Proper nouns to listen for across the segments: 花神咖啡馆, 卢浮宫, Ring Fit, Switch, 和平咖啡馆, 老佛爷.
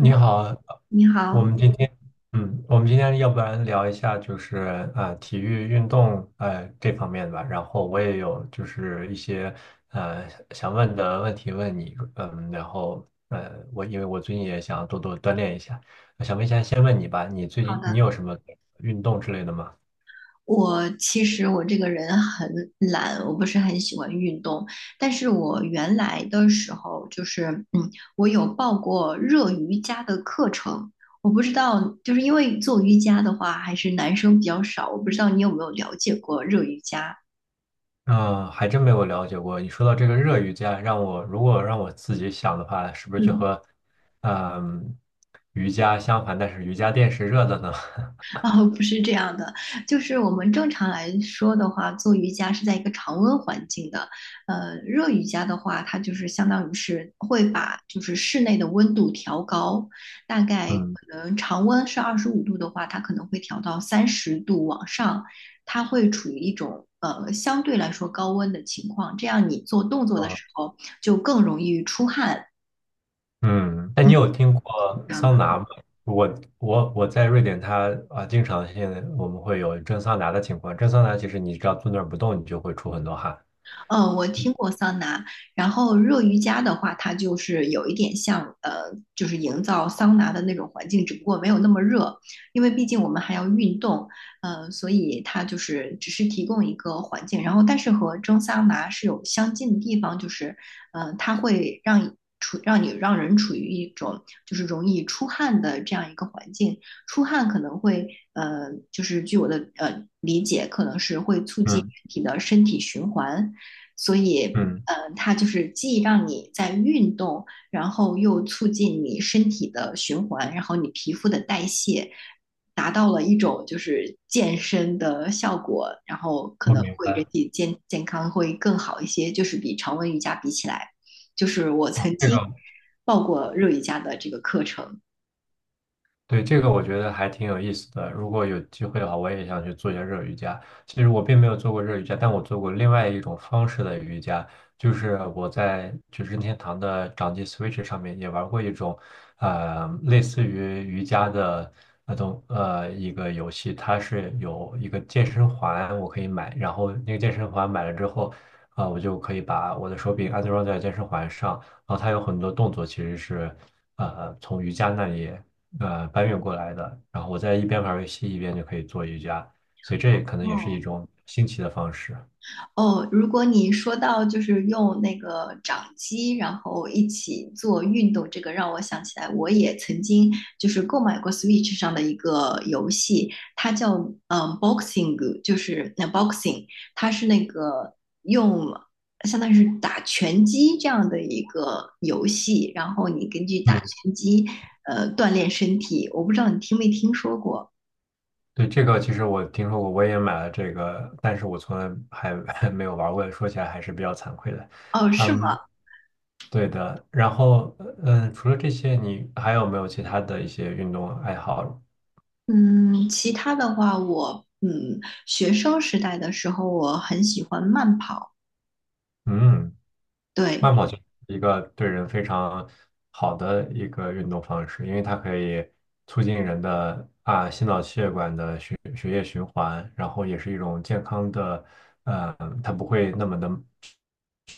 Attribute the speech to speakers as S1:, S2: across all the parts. S1: 你
S2: 你好，
S1: 你
S2: 我
S1: 好，
S2: 们今天，我们今天要不然聊一下就是体育运动这方面吧，然后我也有就是一些呃想问的问题问你，然后我因为最近也想多多锻炼一下，我想问一下，先问你吧，你最
S1: 好
S2: 近你
S1: 的。
S2: 有什么运动之类的吗？
S1: 其实我这个人很懒，我不是很喜欢运动，但是我原来的时候就是，嗯，我有报过热瑜伽的课程。我不知道，就是因为做瑜伽的话，还是男生比较少，我不知道你有没有了解过热瑜伽？
S2: 嗯，还真没有了解过。你说到这个热瑜伽，如果让我自己想的话，是不是就
S1: 嗯。
S2: 和嗯瑜伽相反？但是瑜伽垫是热的呢？
S1: 哦，不是这样的，就是我们正常来说的话，做瑜伽是在一个常温环境的。热瑜伽的话，它就是相当于是会把就是室内的温度调高，大概
S2: 嗯
S1: 可能常温是25度的话，它可能会调到30度往上，它会处于一种相对来说高温的情况，这样你做动作的
S2: 啊，
S1: 时候就更容易出汗。
S2: 嗯，那你
S1: 嗯，
S2: 有听过
S1: 这样
S2: 桑
S1: 的。
S2: 拿吗？我我在瑞典它，经常性我们会有蒸桑拿的情况。蒸桑拿其实你只要坐那儿不动，你就会出很多汗。
S1: 嗯，我听过桑拿，然后热瑜伽的话，它就是有一点像就是营造桑拿的那种环境，只不过没有那么热，因为毕竟我们还要运动，所以它就是只是提供一个环境，然后但是和蒸桑拿是有相近的地方，就是它会让人处于一种就是容易出汗的这样一个环境，出汗可能会就是据我的理解，可能是会促进人
S2: 嗯
S1: 体的身体循环。所以，
S2: 嗯，
S1: 它就是既让你在运动，然后又促进你身体的循环，然后你皮肤的代谢，达到了一种就是健身的效果，然后可
S2: 我
S1: 能
S2: 明
S1: 会人
S2: 白
S1: 体健康会更好一些，就是比常温瑜伽比起来，就是我曾
S2: 这
S1: 经
S2: 个。
S1: 报过热瑜伽的这个课程。
S2: 对，这个我觉得还挺有意思的。如果有机会的话，我也想去做一下热瑜伽。其实我并没有做过热瑜伽，但我做过另外一种方式的瑜伽，就是我在就是任天堂的掌机 Switch 上面也玩过一种，类似于瑜伽的那种一个游戏，它是有一个健身环，我可以买，然后那个健身环买了之后，我就可以把我的手柄安装在健身环上，然后它有很多动作其实是从瑜伽那里，搬运过来的，然后我在一边玩游戏一边就可以做瑜伽，所以这也可能也是一
S1: 哦，
S2: 种新奇的方式。
S1: 哦，如果你说到就是用那个掌机，然后一起做运动，这个让我想起来，我也曾经就是购买过 Switch 上的一个游戏，它叫boxing，就是那 boxing，它是那个用相当于是打拳击这样的一个游戏，然后你根据打
S2: 嗯，
S1: 拳击锻炼身体，我不知道你听没听说过。
S2: 对，这个其实我听说过，我也买了这个，但是我从来还 还没有玩过，说起来还是比较惭愧的。
S1: 哦，是
S2: 嗯，
S1: 吗？
S2: 对的。然后，除了这些，你还有没有其他的一些运动爱好？
S1: 嗯，其他的话我，学生时代的时候，我很喜欢慢跑，
S2: 嗯。
S1: 对，
S2: 慢跑就是一个对人非常好的一个运动方式，因为它可以促进人的心脑血管的血液循环，然后也是一种健康的，呃，它不会那么的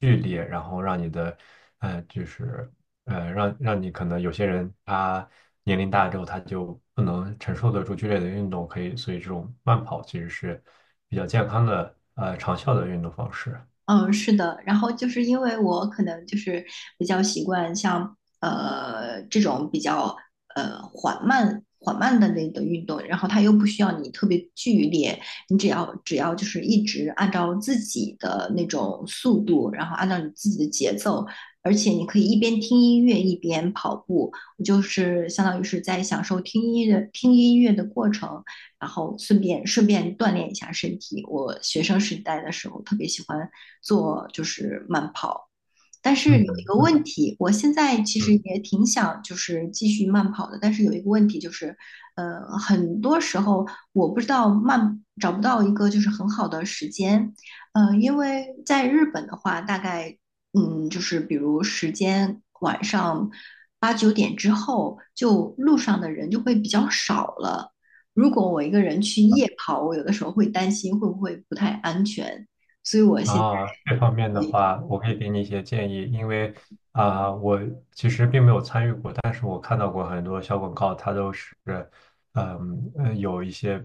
S2: 剧烈，然后让你的，就是让你可能有些人他年龄大之后他就不能承受得住剧烈的运动，可以，所以这种慢跑其实是比较健康的，长效的运动方式。
S1: 嗯，是的，然后就是因为我可能就是比较习惯像这种比较缓慢缓慢的那个运动，然后它又不需要你特别剧烈，你只要就是一直按照自己的那种速度，然后按照你自己的节奏，而且你可以一边听音乐一边跑步，我就是相当于是在享受听音乐的过程，然后顺便锻炼一下身体。我学生时代的时候特别喜欢。做就是慢跑。但是有一个
S2: 嗯
S1: 问题，我现在其实
S2: 嗯。
S1: 也挺想就是继续慢跑的，但是有一个问题就是，很多时候我不知道找不到一个就是很好的时间，因为在日本的话，大概就是比如时间晚上八九点之后，就路上的人就会比较少了。如果我一个人去夜跑，我有的时候会担心会不会不太安全，所以我现在。
S2: 啊，这方面的话，我可以给你一些建议，因为我其实并没有参与过，但是我看到过很多小广告，它都是，有一些，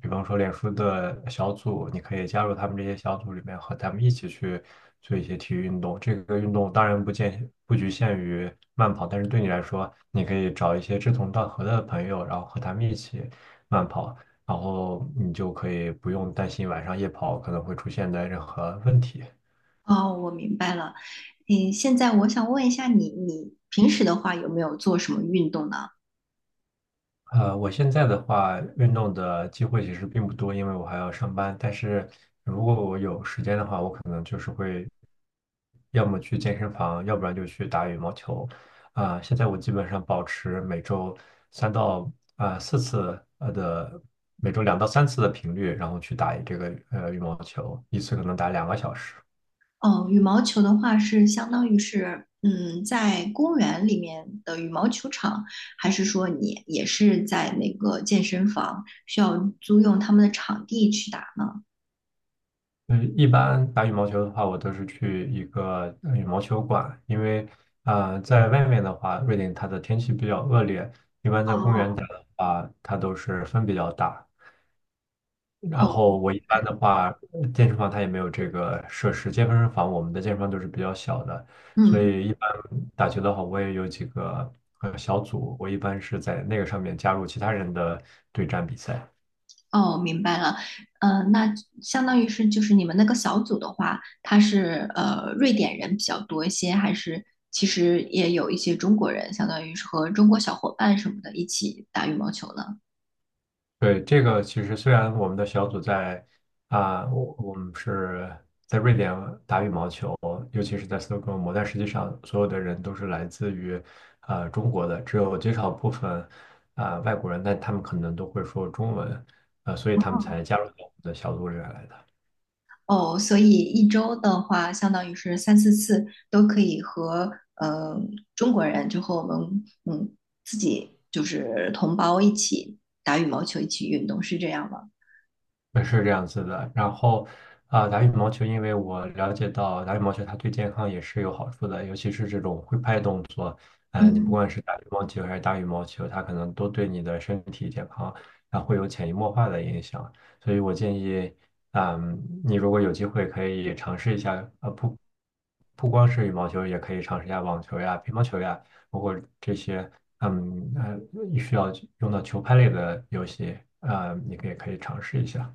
S2: 比方说脸书的小组，你可以加入他们这些小组里面，和他们一起去做一些体育运动。这个运动当然不局限于慢跑，但是对你来说，你可以找一些志同道合的朋友，然后和他们一起慢跑。然后你就可以不用担心晚上夜跑可能会出现的任何问题。
S1: 哦，我明白了。嗯，现在我想问一下你，你平时的话有没有做什么运动呢？
S2: 我现在的话，运动的机会其实并不多，因为我还要上班。但是如果我有时间的话，我可能就是会要么去健身房，要不然就去打羽毛球。现在我基本上保持每周三到4次的，每周2到3次的频率，然后去打这个羽毛球，一次可能打2个小时。
S1: 哦，羽毛球的话是相当于是，嗯，在公园里面的羽毛球场，还是说你也是在那个健身房需要租用他们的场地去打呢？
S2: 一般打羽毛球的话，我都是去一个羽毛球馆，因为在外面的话，瑞典它的天气比较恶劣，一般在公园
S1: 哦，
S2: 打的话，它都是风比较大。然
S1: 哦，
S2: 后我一般的话，健身房它也没有这个设施，健身房我们的健身房都是比较小的，所
S1: 嗯。
S2: 以一般打球的话，我也有几个小组，我一般是在那个上面加入其他人的对战比赛。
S1: 哦，明白了。那相当于是就是你们那个小组的话，他是瑞典人比较多一些，还是其实也有一些中国人，相当于是和中国小伙伴什么的一起打羽毛球呢？
S2: 对，这个其实虽然我们的小组在我们是在瑞典打羽毛球，尤其是在斯德哥尔摩，但实际上所有的人都是来自于中国的，只有极少部分外国人，但他们可能都会说中文，所以他们才加入到我们的小组里面来的。
S1: 哦，所以一周的话，相当于是三四次都可以和中国人，就和我们自己就是同胞一起打羽毛球，一起运动，是这样吗？
S2: 也是这样子的。然后打羽毛球，因为我了解到打羽毛球它对健康也是有好处的，尤其是这种挥拍动作。你不
S1: 嗯。
S2: 管是打乒乓球还是打羽毛球，它可能都对你的身体健康，它会有潜移默化的影响。所以我建议，你如果有机会可以尝试一下，不光是羽毛球，也可以尝试一下网球呀、乒乓球呀，包括这些，需要用到球拍类的游戏，你可以尝试一下。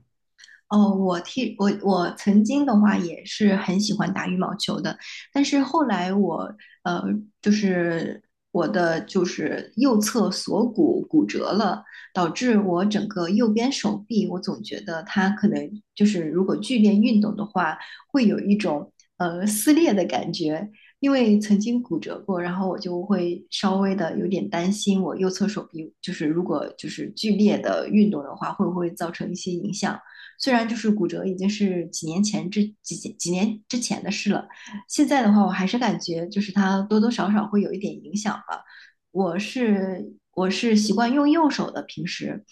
S1: 哦，我替我我曾经的话也是很喜欢打羽毛球的，但是后来我呃就是我的就是右侧锁骨骨折了，导致我整个右边手臂，我总觉得它可能就是如果剧烈运动的话，会有一种撕裂的感觉，因为曾经骨折过，然后我就会稍微的有点担心，我右侧手臂就是如果就是剧烈的运动的话，会不会造成一些影响。虽然就是骨折已经是几年之前的事了，现在的话我还是感觉就是它多多少少会有一点影响吧。我是习惯用右手的平时，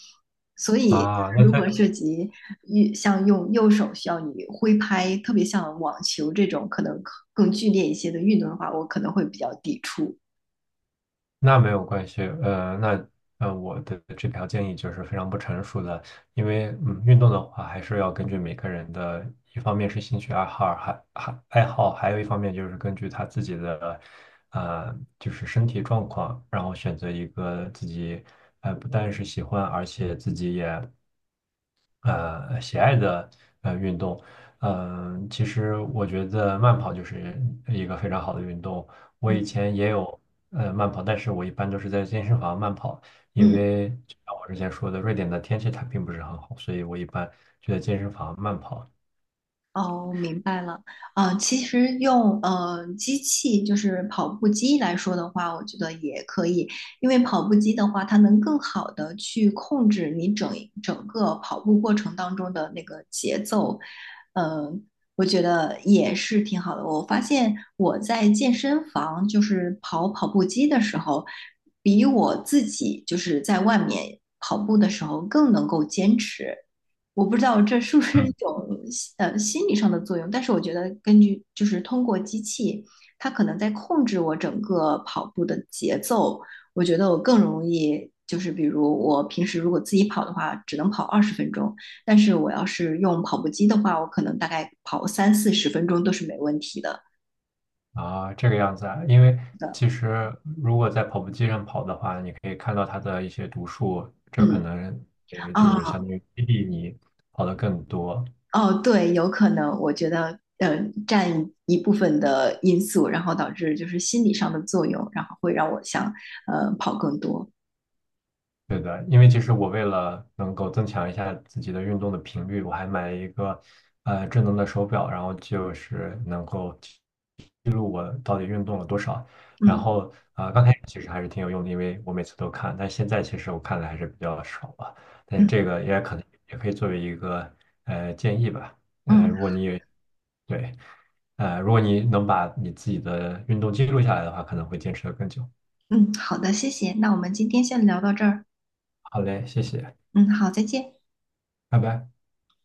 S1: 所以
S2: 啊，那
S1: 如果
S2: 在
S1: 涉及一像用右手需要你挥拍，特别像网球这种可能更剧烈一些的运动的话，我可能会比较抵触。
S2: 那没有关系，那我的这条建议就是非常不成熟的，因为运动的话还是要根据每个人的，一方面是兴趣爱好，还爱好，还有一方面就是根据他自己的，就是身体状况，然后选择一个自己，不但是喜欢，而且自己也喜爱的运动。其实我觉得慢跑就是一个非常好的运动。我以
S1: 嗯
S2: 前也有慢跑，但是我一般都是在健身房慢跑，因
S1: 嗯。
S2: 为就像我之前说的，瑞典的天气它并不是很好，所以我一般就在健身房慢跑。
S1: 哦，明白了。其实用机器，就是跑步机来说的话，我觉得也可以，因为跑步机的话，它能更好的去控制你整个跑步过程当中的那个节奏。呃，我觉得也是挺好的。我发现我在健身房就是跑跑步机的时候，比我自己就是在外面跑步的时候更能够坚持。我不知道这是不是一
S2: 嗯
S1: 种心理上的作用，但是我觉得根据就是通过机器，它可能在控制我整个跑步的节奏，我觉得我更容易就是比如我平时如果自己跑的话，只能跑20分钟，但是我要是用跑步机的话，我可能大概跑三四十分钟都是没问题的。
S2: 这个样子啊，因为其实如果在跑步机上跑的话，你可以看到它的一些读数，这可
S1: 嗯
S2: 能就是
S1: 啊。
S2: 相当于激励你跑得更多。
S1: 哦，对，有可能，我觉得，占一部分的因素，然后导致就是心理上的作用，然后会让我想，跑更多。
S2: 对的，因为其实我为了能够增强一下自己的运动的频率，我还买了一个智能的手表，然后就是能够记录我到底运动了多少。然
S1: 嗯
S2: 后刚开始其实还是挺有用的，因为我每次都看，但现在其实我看的还是比较少了，但是
S1: 嗯
S2: 这个也可能也可以作为一个建议吧。嗯、
S1: 嗯
S2: 如果你也对，如果你能把你自己的运动记录下来的话，可能会坚持的更久。
S1: 嗯，好的，谢谢。那我们今天先聊到这儿。
S2: 好嘞，谢谢，
S1: 嗯，好，再见。
S2: 拜拜。